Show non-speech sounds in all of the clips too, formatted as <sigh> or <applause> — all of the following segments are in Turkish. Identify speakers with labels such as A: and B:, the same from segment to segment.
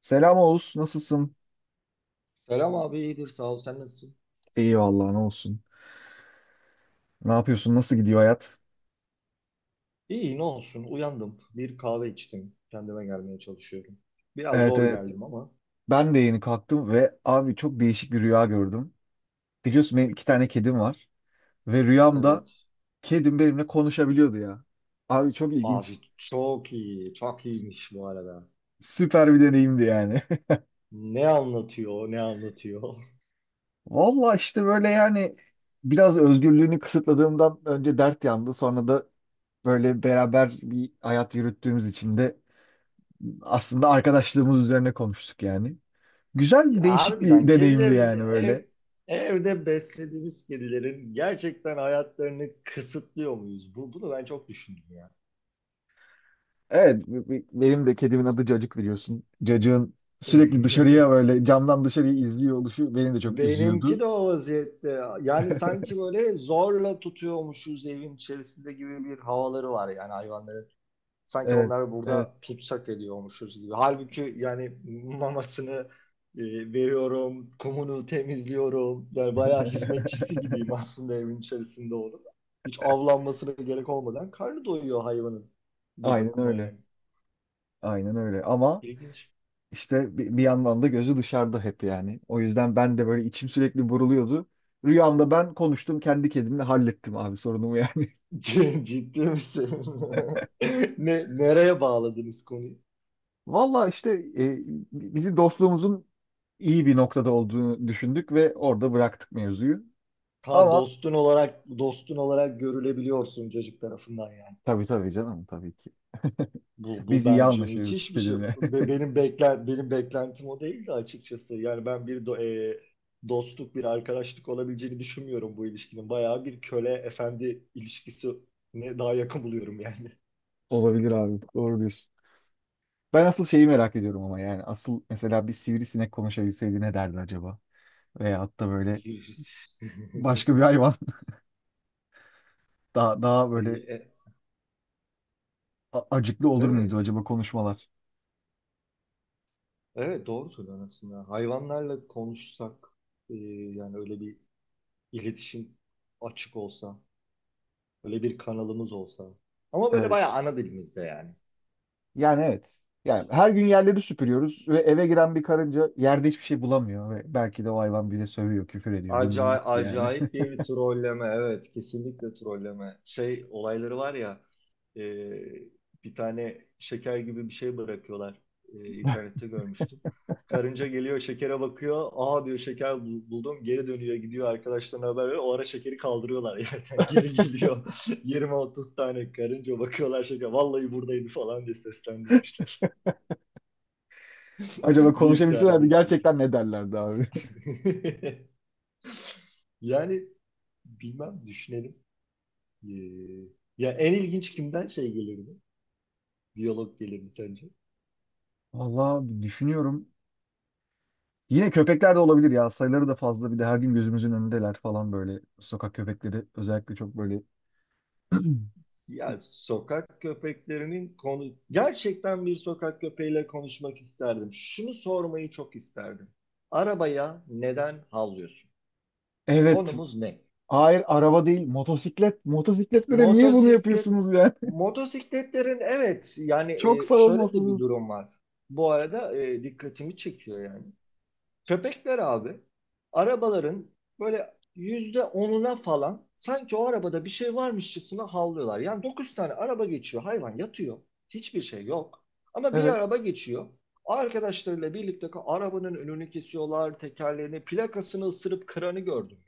A: Selam Oğuz, nasılsın?
B: Selam abi iyidir sağ ol sen nasılsın?
A: İyi vallahi ne olsun. Ne yapıyorsun? Nasıl gidiyor hayat?
B: İyi ne olsun uyandım bir kahve içtim kendime gelmeye çalışıyorum. Biraz
A: Evet,
B: zor
A: evet.
B: geldim ama
A: Ben de yeni kalktım ve abi çok değişik bir rüya gördüm. Biliyorsun benim iki tane kedim var ve rüyamda
B: evet.
A: kedim benimle konuşabiliyordu ya. Abi çok ilginç.
B: Abi çok iyi çok iyiymiş bu arada.
A: Süper bir deneyimdi yani.
B: Ne anlatıyor ne anlatıyor. <laughs>
A: <laughs> Valla işte böyle yani biraz özgürlüğünü kısıtladığımdan önce dert yandı. Sonra da böyle beraber bir hayat yürüttüğümüz için de aslında arkadaşlığımız üzerine konuştuk yani. Güzel
B: Ya,
A: değişik bir
B: harbiden
A: deneyimdi yani böyle.
B: evde beslediğimiz kedilerin gerçekten hayatlarını kısıtlıyor muyuz? Bunu ben çok düşündüm ya.
A: Evet, benim de kedimin adı Cacık biliyorsun. Cacığın sürekli dışarıya
B: <laughs>
A: böyle camdan dışarıyı izliyor oluşu beni de çok
B: Benimki
A: üzüyordu.
B: de o vaziyette. Yani sanki böyle zorla tutuyormuşuz evin içerisinde gibi bir havaları var yani hayvanların. Sanki
A: Evet,
B: onları
A: evet,
B: burada tutsak ediyormuşuz gibi. Halbuki yani mamasını veriyorum, kumunu temizliyorum. Yani bayağı hizmetçisi gibiyim aslında evin içerisinde onun. Hiç avlanmasına gerek olmadan karnı doyuyor hayvanın bir
A: aynen
B: bakıma
A: öyle.
B: yani.
A: Aynen öyle. Ama
B: İlginç.
A: işte bir, yandan da gözü dışarıda hep yani. O yüzden ben de böyle içim sürekli buruluyordu. Rüyamda ben konuştum kendi kedimle hallettim abi sorunumu yani.
B: <laughs> Ciddi misin? <laughs> Nereye bağladınız konuyu?
A: <laughs> Valla işte e, bizi dostluğumuzun iyi bir noktada olduğunu düşündük ve orada bıraktık mevzuyu.
B: Ha
A: Ama
B: dostun olarak dostun olarak görülebiliyorsun çocuk tarafından yani.
A: tabii canım tabii ki.
B: Bu
A: Biz iyi
B: bence
A: anlaşıyoruz
B: müthiş bir şey.
A: kedimle.
B: Benim beklentim o değildi açıkçası. Yani ben bir do- e, Dostluk bir arkadaşlık olabileceğini düşünmüyorum bu ilişkinin. Bayağı bir köle efendi ilişkisine daha yakın buluyorum yani.
A: Olabilir abi. Doğru diyorsun. Ben asıl şeyi merak ediyorum ama yani asıl mesela bir sivrisinek konuşabilseydi ne derdi acaba? Veyahut da böyle
B: Biliriz. <laughs>
A: başka bir hayvan <laughs> daha
B: E,
A: böyle
B: e,
A: acıklı olur muydu
B: evet.
A: acaba konuşmalar?
B: Evet doğru söylüyorsun aslında. Hayvanlarla konuşsak e, yani öyle bir iletişim açık olsa böyle bir kanalımız olsa. Ama böyle
A: Evet.
B: bayağı ana dilimizde yani.
A: Yani evet. Yani her gün yerleri süpürüyoruz ve eve giren bir karınca yerde hiçbir şey bulamıyor ve belki de o hayvan bize sövüyor, küfür ediyor.
B: Acayip,
A: Bilmiyoruz ki yani.
B: acayip bir trolleme. Evet, kesinlikle trolleme. Şey olayları var ya, e, bir tane şeker gibi bir şey bırakıyorlar. E,
A: <laughs>
B: internette görmüştüm. Karınca geliyor şekere bakıyor. Aa diyor şeker buldum. Geri dönüyor gidiyor arkadaşlarına haber veriyor. O ara şekeri kaldırıyorlar yerden. <laughs> Geri geliyor. <laughs> Yirmi otuz tane karınca bakıyorlar şeker. Vallahi buradaydı falan diye seslendirmişler.
A: Acaba
B: <laughs> Büyük
A: konuşabilselerdi
B: terbiyesiz.
A: gerçekten ne derlerdi abi?
B: <laughs> Yani bilmem düşünelim. Ee, ya en ilginç kimden şey gelirdi? Diyalog gelirdi sence?
A: <laughs> Vallahi düşünüyorum. Yine köpekler de olabilir ya. Sayıları da fazla. Bir de her gün gözümüzün önündeler falan böyle. Sokak köpekleri özellikle çok böyle. <clears throat>
B: Ya sokak köpeklerinin konu gerçekten bir sokak köpeğiyle konuşmak isterdim. Şunu sormayı çok isterdim. Arabaya neden havlıyorsun?
A: Evet.
B: Konumuz ne?
A: Hayır, araba değil. Motosiklet. Motosikletlere niye bunu
B: Motosiklet
A: yapıyorsunuz yani?
B: motosikletlerin evet yani
A: <laughs> Çok
B: şöyle de bir
A: savunmasızız.
B: durum var. Bu arada dikkatimi çekiyor yani. Köpekler abi arabaların böyle yüzde onuna falan sanki o arabada bir şey varmışçasına havlıyorlar. Yani dokuz tane araba geçiyor hayvan yatıyor. Hiçbir şey yok. Ama bir
A: Evet.
B: araba geçiyor. Arkadaşlarıyla birlikte arabanın önünü kesiyorlar, tekerlerini, plakasını ısırıp kıranı gördüm.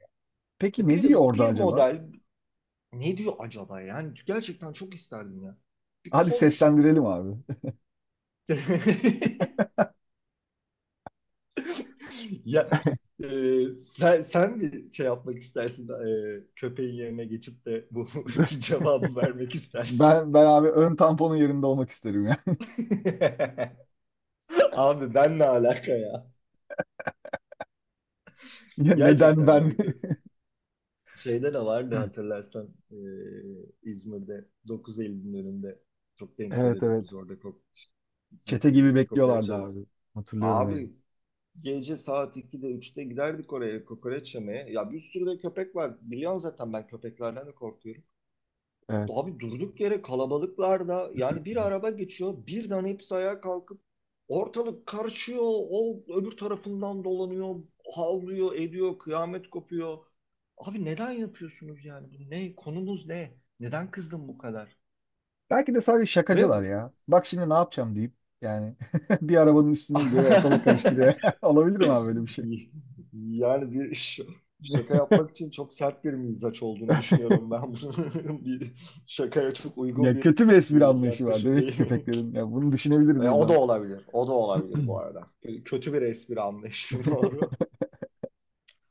A: Peki
B: Ya.
A: ne
B: Bir,
A: diyor orada
B: bir
A: acaba?
B: model ne diyor acaba? Yani gerçekten çok isterdim ya. Bir
A: Hadi
B: konuşup…
A: seslendirelim abi. <laughs>
B: <laughs> <laughs> Ya, e, sen mi şey yapmak istersin, köpeğin yerine geçip de bu <laughs> cevabı vermek istersin?
A: Ben abi ön tamponun yerinde olmak isterim ya.
B: <laughs> Abi ben ne alaka ya?
A: <laughs> Ya neden
B: Gerçekten ya
A: ben?
B: kö-
A: <laughs>
B: şeyde de vardı hatırlarsan, İzmir'de 9 Eylül'ün önünde çok denk
A: Evet,
B: gelirdik biz
A: evet.
B: orada bizim,
A: Çete gibi
B: kokoreç
A: bekliyorlardı abi. Hatırlıyorum yani.
B: abi gece saat 2'de üçte giderdik oraya kokoreç yemeye. Ya bir sürü de köpek var. Biliyorsun zaten ben köpeklerden de korkuyorum.
A: Evet.
B: Abi durduk yere kalabalıklarda yani bir araba geçiyor birden hepsi ayağa kalkıp ortalık karışıyor o öbür tarafından dolanıyor havlıyor ediyor kıyamet kopuyor. Abi neden yapıyorsunuz yani bu ne konumuz ne neden kızdın bu kadar
A: Belki de sadece
B: ve
A: şakacılar ya. Bak şimdi ne yapacağım deyip yani <laughs> bir arabanın üstüne gidiyor ve ortalık
B: <laughs>
A: karıştırıyor. <laughs> Olabilir mi abi böyle bir şey?
B: yani şaka yapmak için çok sert bir mizaç olduğunu
A: <laughs>
B: düşünüyorum ben bunun <laughs> bir şakaya çok uygun
A: Ya
B: bir
A: kötü bir espri anlayışı var
B: yaklaşım
A: demek ki
B: değil.
A: köpeklerin. Ya bunu düşünebiliriz
B: E, o
A: buradan.
B: da olabilir. O da olabilir bu arada. Kötü bir espri anlayışı, <laughs> doğru.
A: <clears throat>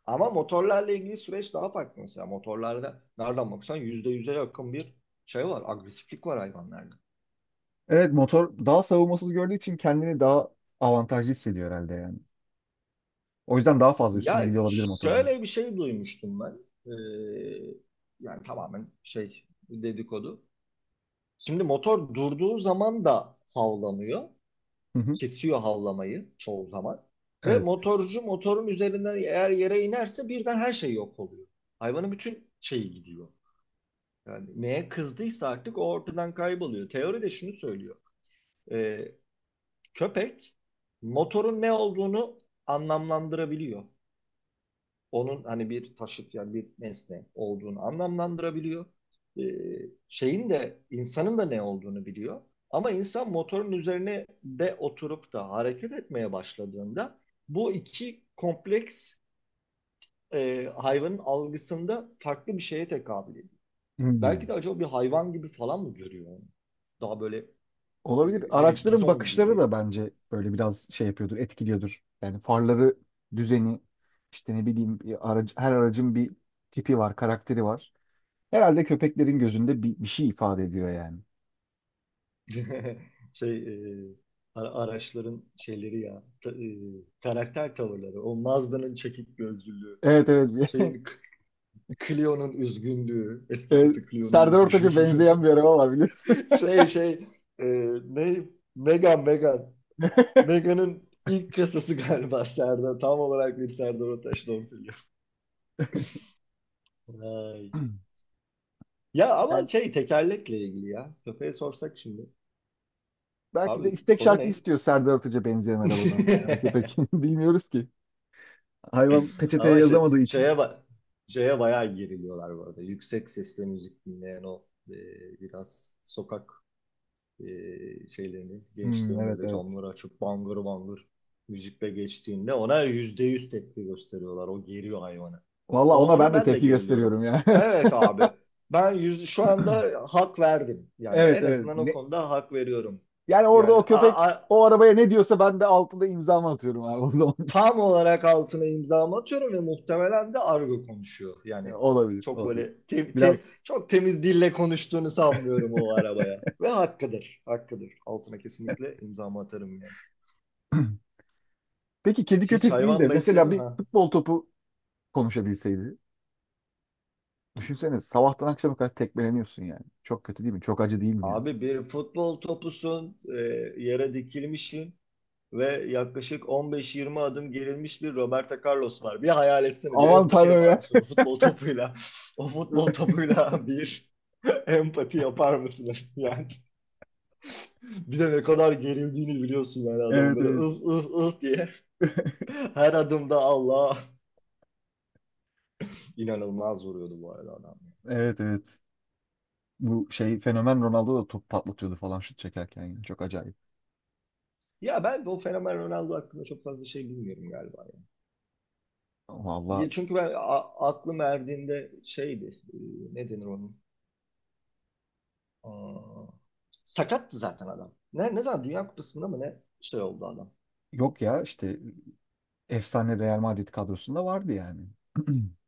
B: Ama motorlarla ilgili süreç daha farklı mesela. Motorlarda nereden baksan %100'e yakın bir şey var. Agresiflik var hayvanlarda.
A: Evet, motor daha savunmasız gördüğü için kendini daha avantajlı hissediyor herhalde yani. O yüzden daha fazla üstüne
B: Ya
A: gidiyor olabilir motorun.
B: şöyle bir şey duymuştum ben. Ee, yani tamamen şey dedikodu. Şimdi motor durduğu zaman da havlamıyor.
A: Hı hı.
B: Kesiyor havlamayı çoğu zaman. Ve
A: Evet.
B: motorcu motorun üzerinden eğer yere inerse birden her şey yok oluyor. Hayvanın bütün şeyi gidiyor. Yani neye kızdıysa artık o ortadan kayboluyor. Teori de şunu söylüyor. Ee, köpek motorun ne olduğunu anlamlandırabiliyor. Onun hani bir taşıt yani bir nesne olduğunu anlamlandırabiliyor. Ee, şeyin de insanın da ne olduğunu biliyor. Ama insan motorun üzerine de oturup da hareket etmeye başladığında bu iki kompleks, hayvanın algısında farklı bir şeye tekabül ediyor. Belki
A: Hmm.
B: de acaba bir hayvan gibi falan mı görüyor onu? Daha böyle e,
A: Olabilir.
B: ne bileyim
A: Araçların
B: bizon
A: bakışları
B: gibi.
A: da bence böyle biraz şey yapıyordur, etkiliyordur. Yani farları, düzeni, işte ne bileyim bir aracı, her aracın bir tipi var, karakteri var. Herhalde köpeklerin gözünde bir şey ifade ediyor yani.
B: <laughs> Şey, e, araçların şeyleri ya karakter tavırları. O Mazda'nın çekik gözlülüğü,
A: Evet, evet.
B: şeyin
A: <laughs>
B: K- Clio'nun üzgünlüğü, eski
A: Evet,
B: kızı Clio'nun
A: Serdar Ortaç'a
B: üzgünlüğü.
A: benzeyen bir araba var biliyorsun.
B: <laughs> Şey şey e, ne Megan Megan.
A: <laughs>
B: Megan'ın ilk kasası galiba Serdar. Tam olarak bir Serdar Ortaç doğru söylüyor. Vay. Ya ama
A: Yani
B: şey tekerlekle ilgili ya. Köpeğe sorsak şimdi.
A: belki de
B: Abi
A: istek
B: konu
A: şarkı
B: ne?
A: istiyor Serdar Ortaç'a benzeyen arabadan yani o köpek.
B: <laughs>
A: <laughs> Bilmiyoruz ki. Hayvan peçeteye
B: Ama
A: yazamadığı için.
B: şeye bak, şeye bayağı geriliyorlar bu arada. Yüksek sesle müzik dinleyen o, biraz sokak, şeylerini
A: Hmm,
B: gençlerin
A: evet
B: öyle
A: evet.
B: camları açıp bangır bangır müzikle geçtiğinde ona yüzde yüz tepki gösteriyorlar. O geriyor hayvanı.
A: Valla ona
B: Ona
A: ben de
B: ben de
A: tepki
B: geriliyorum.
A: gösteriyorum ya.
B: Evet
A: <laughs>
B: abi. Şu
A: Evet <clears throat>
B: anda hak verdim. Yani
A: evet.
B: en
A: Evet.
B: azından o
A: Ne-
B: konuda hak veriyorum.
A: Yani orada
B: Yani
A: o köpek o arabaya ne diyorsa ben de altında imzamı atıyorum abi o zaman. <laughs>
B: tam olarak altına imzamı atıyorum ve muhtemelen de argo konuşuyor.
A: Ya,
B: Yani
A: olabilir,
B: çok
A: olabilir.
B: böyle
A: Biraz
B: çok temiz dille konuştuğunu sanmıyorum o arabaya. Ve hakkıdır, hakkıdır. Altına kesinlikle imzamı atarım yani.
A: <clears throat> peki kedi
B: Hiç
A: köpek değil de
B: hayvan
A: mesela
B: besledin
A: bir
B: ha?
A: futbol topu konuşabilseydi. Düşünsene sabahtan akşama kadar tekmeleniyorsun yani. Çok kötü değil mi? Çok acı değil mi yani?
B: Abi bir futbol topusun, yere dikilmişsin ve yaklaşık 15-20 adım gerilmiş bir Roberto Carlos var. Bir hayal etsene, bir
A: Aman
B: empati
A: tanrım
B: yapar
A: ya.
B: mısın o futbol topuyla? <laughs> O futbol
A: <laughs>
B: topuyla bir <laughs> empati yapar mısın? <laughs> Yani bir de ne kadar gerildiğini biliyorsun yani adamın
A: Evet,
B: böyle
A: evet.
B: ıh ıh ıh diye, <laughs> her adımda Allah inanılmaz vuruyordu bu arada adam.
A: Evet, evet. Bu şey fenomen Ronaldo da top patlatıyordu falan şut çekerken yani. Çok acayip.
B: Ya ben bu fenomen Ronaldo hakkında çok fazla şey bilmiyorum galiba.
A: Valla
B: Ya çünkü ben aklım erdiğinde şeydi, e, ne denir onun? Aa, sakattı zaten adam. Ne zaman Dünya Kupası'nda mı ne şey oldu adam.
A: yok ya işte efsane Real Madrid kadrosunda vardı yani. <clears throat>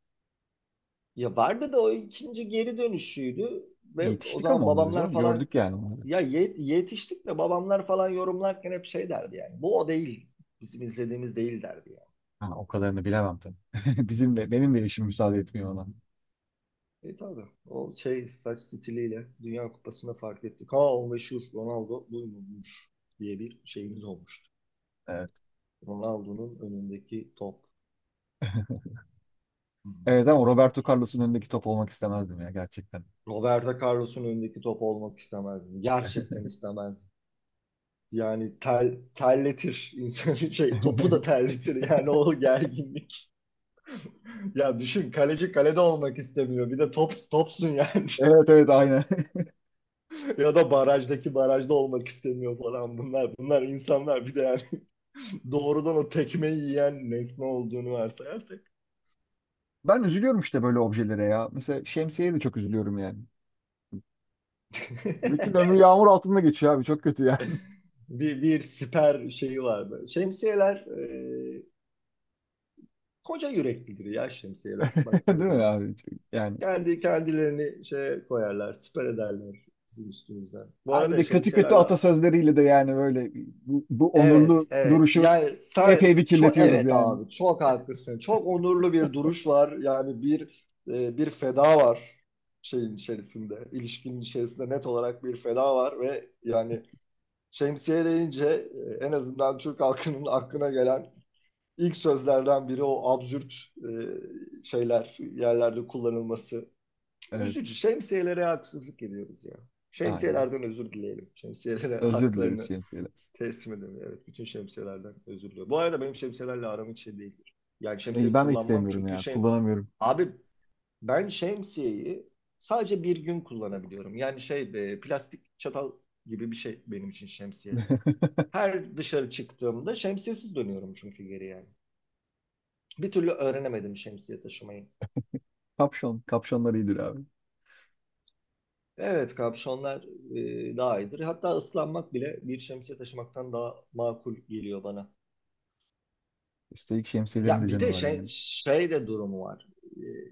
B: Ya vardı da o ikinci geri dönüşüydü ve o
A: Yetiştik ama
B: zaman
A: onları
B: babamlar
A: canım.
B: falan
A: Gördük yani onları.
B: yetiştik de babamlar falan yorumlarken hep şey derdi yani. Bu o değil. Bizim izlediğimiz değil derdi yani.
A: Ha, o kadarını bilemem tabii. <laughs> Bizim de benim de işim müsaade etmiyor ona.
B: E tabii. O şey saç stiliyle Dünya Kupası'nda fark ettik. Ha o meşhur Ronaldo buymuş diye bir şeyimiz olmuştu.
A: Evet.
B: Ronaldo'nun önündeki top.
A: <laughs>
B: Hı.
A: Evet ama Roberto Carlos'un önündeki top olmak istemezdim ya gerçekten.
B: Roberto Carlos'un önündeki top olmak istemezdim. Gerçekten istemezdim. Yani terletir insanı, <laughs> şey topu da
A: <laughs>
B: terletir yani o gerginlik. Ya düşün kaleci kalede olmak istemiyor. Bir de top topsun yani.
A: Evet
B: <laughs>
A: evet aynen. <laughs>
B: Ya da barajda olmak istemiyor falan bunlar. Bunlar insanlar bir de yani <laughs> doğrudan o tekmeyi yiyen nesne olduğunu varsayarsak.
A: Ben üzülüyorum işte böyle objelere ya. Mesela şemsiyeye de çok üzülüyorum yani. Bütün
B: <laughs>
A: ömrü yağmur altında geçiyor abi. Çok kötü yani.
B: Bir siper şeyi vardı. Şemsiyeler, koca yüreklidir ya şemsiyeler
A: <laughs> Değil
B: baktığın
A: mi
B: zaman.
A: abi? Çok- Yani.
B: Kendi kendilerini şey koyarlar, siper ederler bizim üstümüzden. Bu
A: Abi
B: arada
A: de kötü kötü
B: şemsiyelerle
A: atasözleriyle de yani böyle bu
B: evet
A: onurlu
B: evet
A: duruşu
B: yani
A: epey bir
B: çok
A: kirletiyoruz
B: evet
A: yani.
B: abi çok haklısın. Çok onurlu bir duruş var. Yani bir, bir feda var şeyin içerisinde, ilişkinin içerisinde net olarak bir feda var ve yani şemsiye deyince, en azından Türk halkının aklına gelen İlk sözlerden biri o absürt, şeyler yerlerde kullanılması.
A: Evet,
B: Üzücü. Şemsiyelere haksızlık ediyoruz ya.
A: aynen.
B: Şemsiyelerden özür dileyelim. Şemsiyelere <laughs>
A: Özür dileriz
B: haklarını
A: şemsiye.
B: teslim edelim. Evet, bütün şemsiyelerden özür diliyorum. Bu arada benim şemsiyelerle aram hiç şey değildir. Yani şemsiye
A: Ben de hiç
B: kullanmam
A: sevmiyorum
B: çünkü
A: ya.
B: şey...
A: Kullanamıyorum.
B: Abi ben şemsiyeyi sadece bir gün kullanabiliyorum. Yani şey, plastik çatal gibi bir şey benim için şemsiye.
A: <laughs>
B: Her dışarı çıktığımda şemsiyesiz dönüyorum çünkü geri yani. Bir türlü öğrenemedim şemsiye taşımayı.
A: Kapşon. Kapşonlar iyidir abi.
B: Evet kapşonlar, daha iyidir. Hatta ıslanmak bile bir şemsiye taşımaktan daha makul geliyor bana.
A: Üstelik şemsiyelerin de
B: Ya bir
A: canı
B: de
A: var yani.
B: şey de durumu var.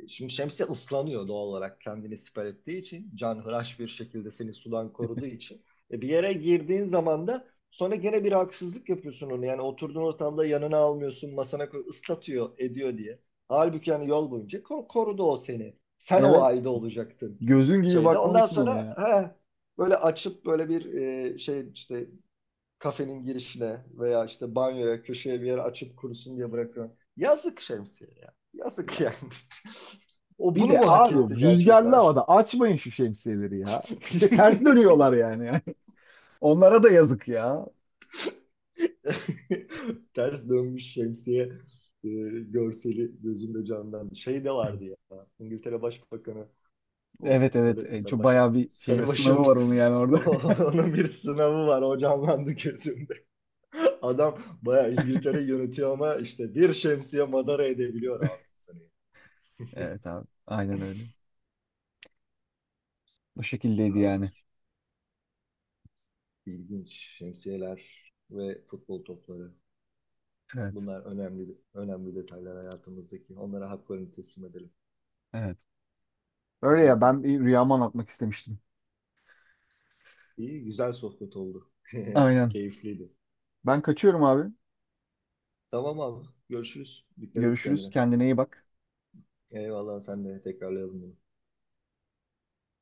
B: Şimdi şemsiye ıslanıyor doğal olarak kendini siper ettiği için. Canhıraş bir şekilde seni sudan koruduğu için. E bir yere girdiğin zaman da sonra gene bir haksızlık yapıyorsun onu. Yani oturduğun ortamda yanına almıyorsun, masana koy, ıslatıyor, ediyor diye. Halbuki yani yol boyunca korudu o seni. Sen o
A: Evet.
B: halde olacaktın
A: Gözün gibi
B: şeyde. Ondan
A: bakmalısın ona
B: sonra
A: ya.
B: he, böyle açıp böyle bir, şey işte kafenin girişine veya işte banyoya köşeye bir yere açıp kurusun diye bırakıyorum. Yazık şemsiye ya.
A: Ya.
B: Yazık yani. <laughs> O
A: Bir
B: bunu
A: de
B: mu hak
A: abi
B: etti
A: rüzgarlı
B: gerçekten?
A: havada açmayın şu şemsiyeleri ya. İşte ters
B: <laughs>
A: dönüyorlar yani. <laughs> Onlara da yazık ya.
B: Ters dönmüş şemsiye, e, görseli gözümde canlandı. Şey de vardı ya. İngiltere Başbakanı, o
A: Evet, evet. Çok bayağı bir şey
B: sarıbaşın,
A: sınavı var onun yani
B: <laughs>
A: orada. <laughs>
B: onun bir sınavı var o canlandı gözümde. Adam bayağı İngiltere yönetiyor ama işte bir şemsiye madara edebiliyor abi insanı.
A: Evet abi. Aynen öyle. Bu şekildeydi
B: Ha,
A: yani.
B: ilginç. Şemsiyeler ve futbol topları.
A: Evet.
B: Bunlar önemli önemli detaylar hayatımızdaki. Onlara haklarını teslim edelim.
A: Evet. Öyle ya ben
B: <laughs>
A: bir rüyamı anlatmak istemiştim.
B: İyi, güzel sohbet oldu. <laughs>
A: Aynen.
B: Keyifliydi.
A: Ben kaçıyorum abi.
B: Tamam abi. Görüşürüz. Dikkat et
A: Görüşürüz.
B: kendine.
A: Kendine iyi bak.
B: Eyvallah sen de tekrarlayalım bunu.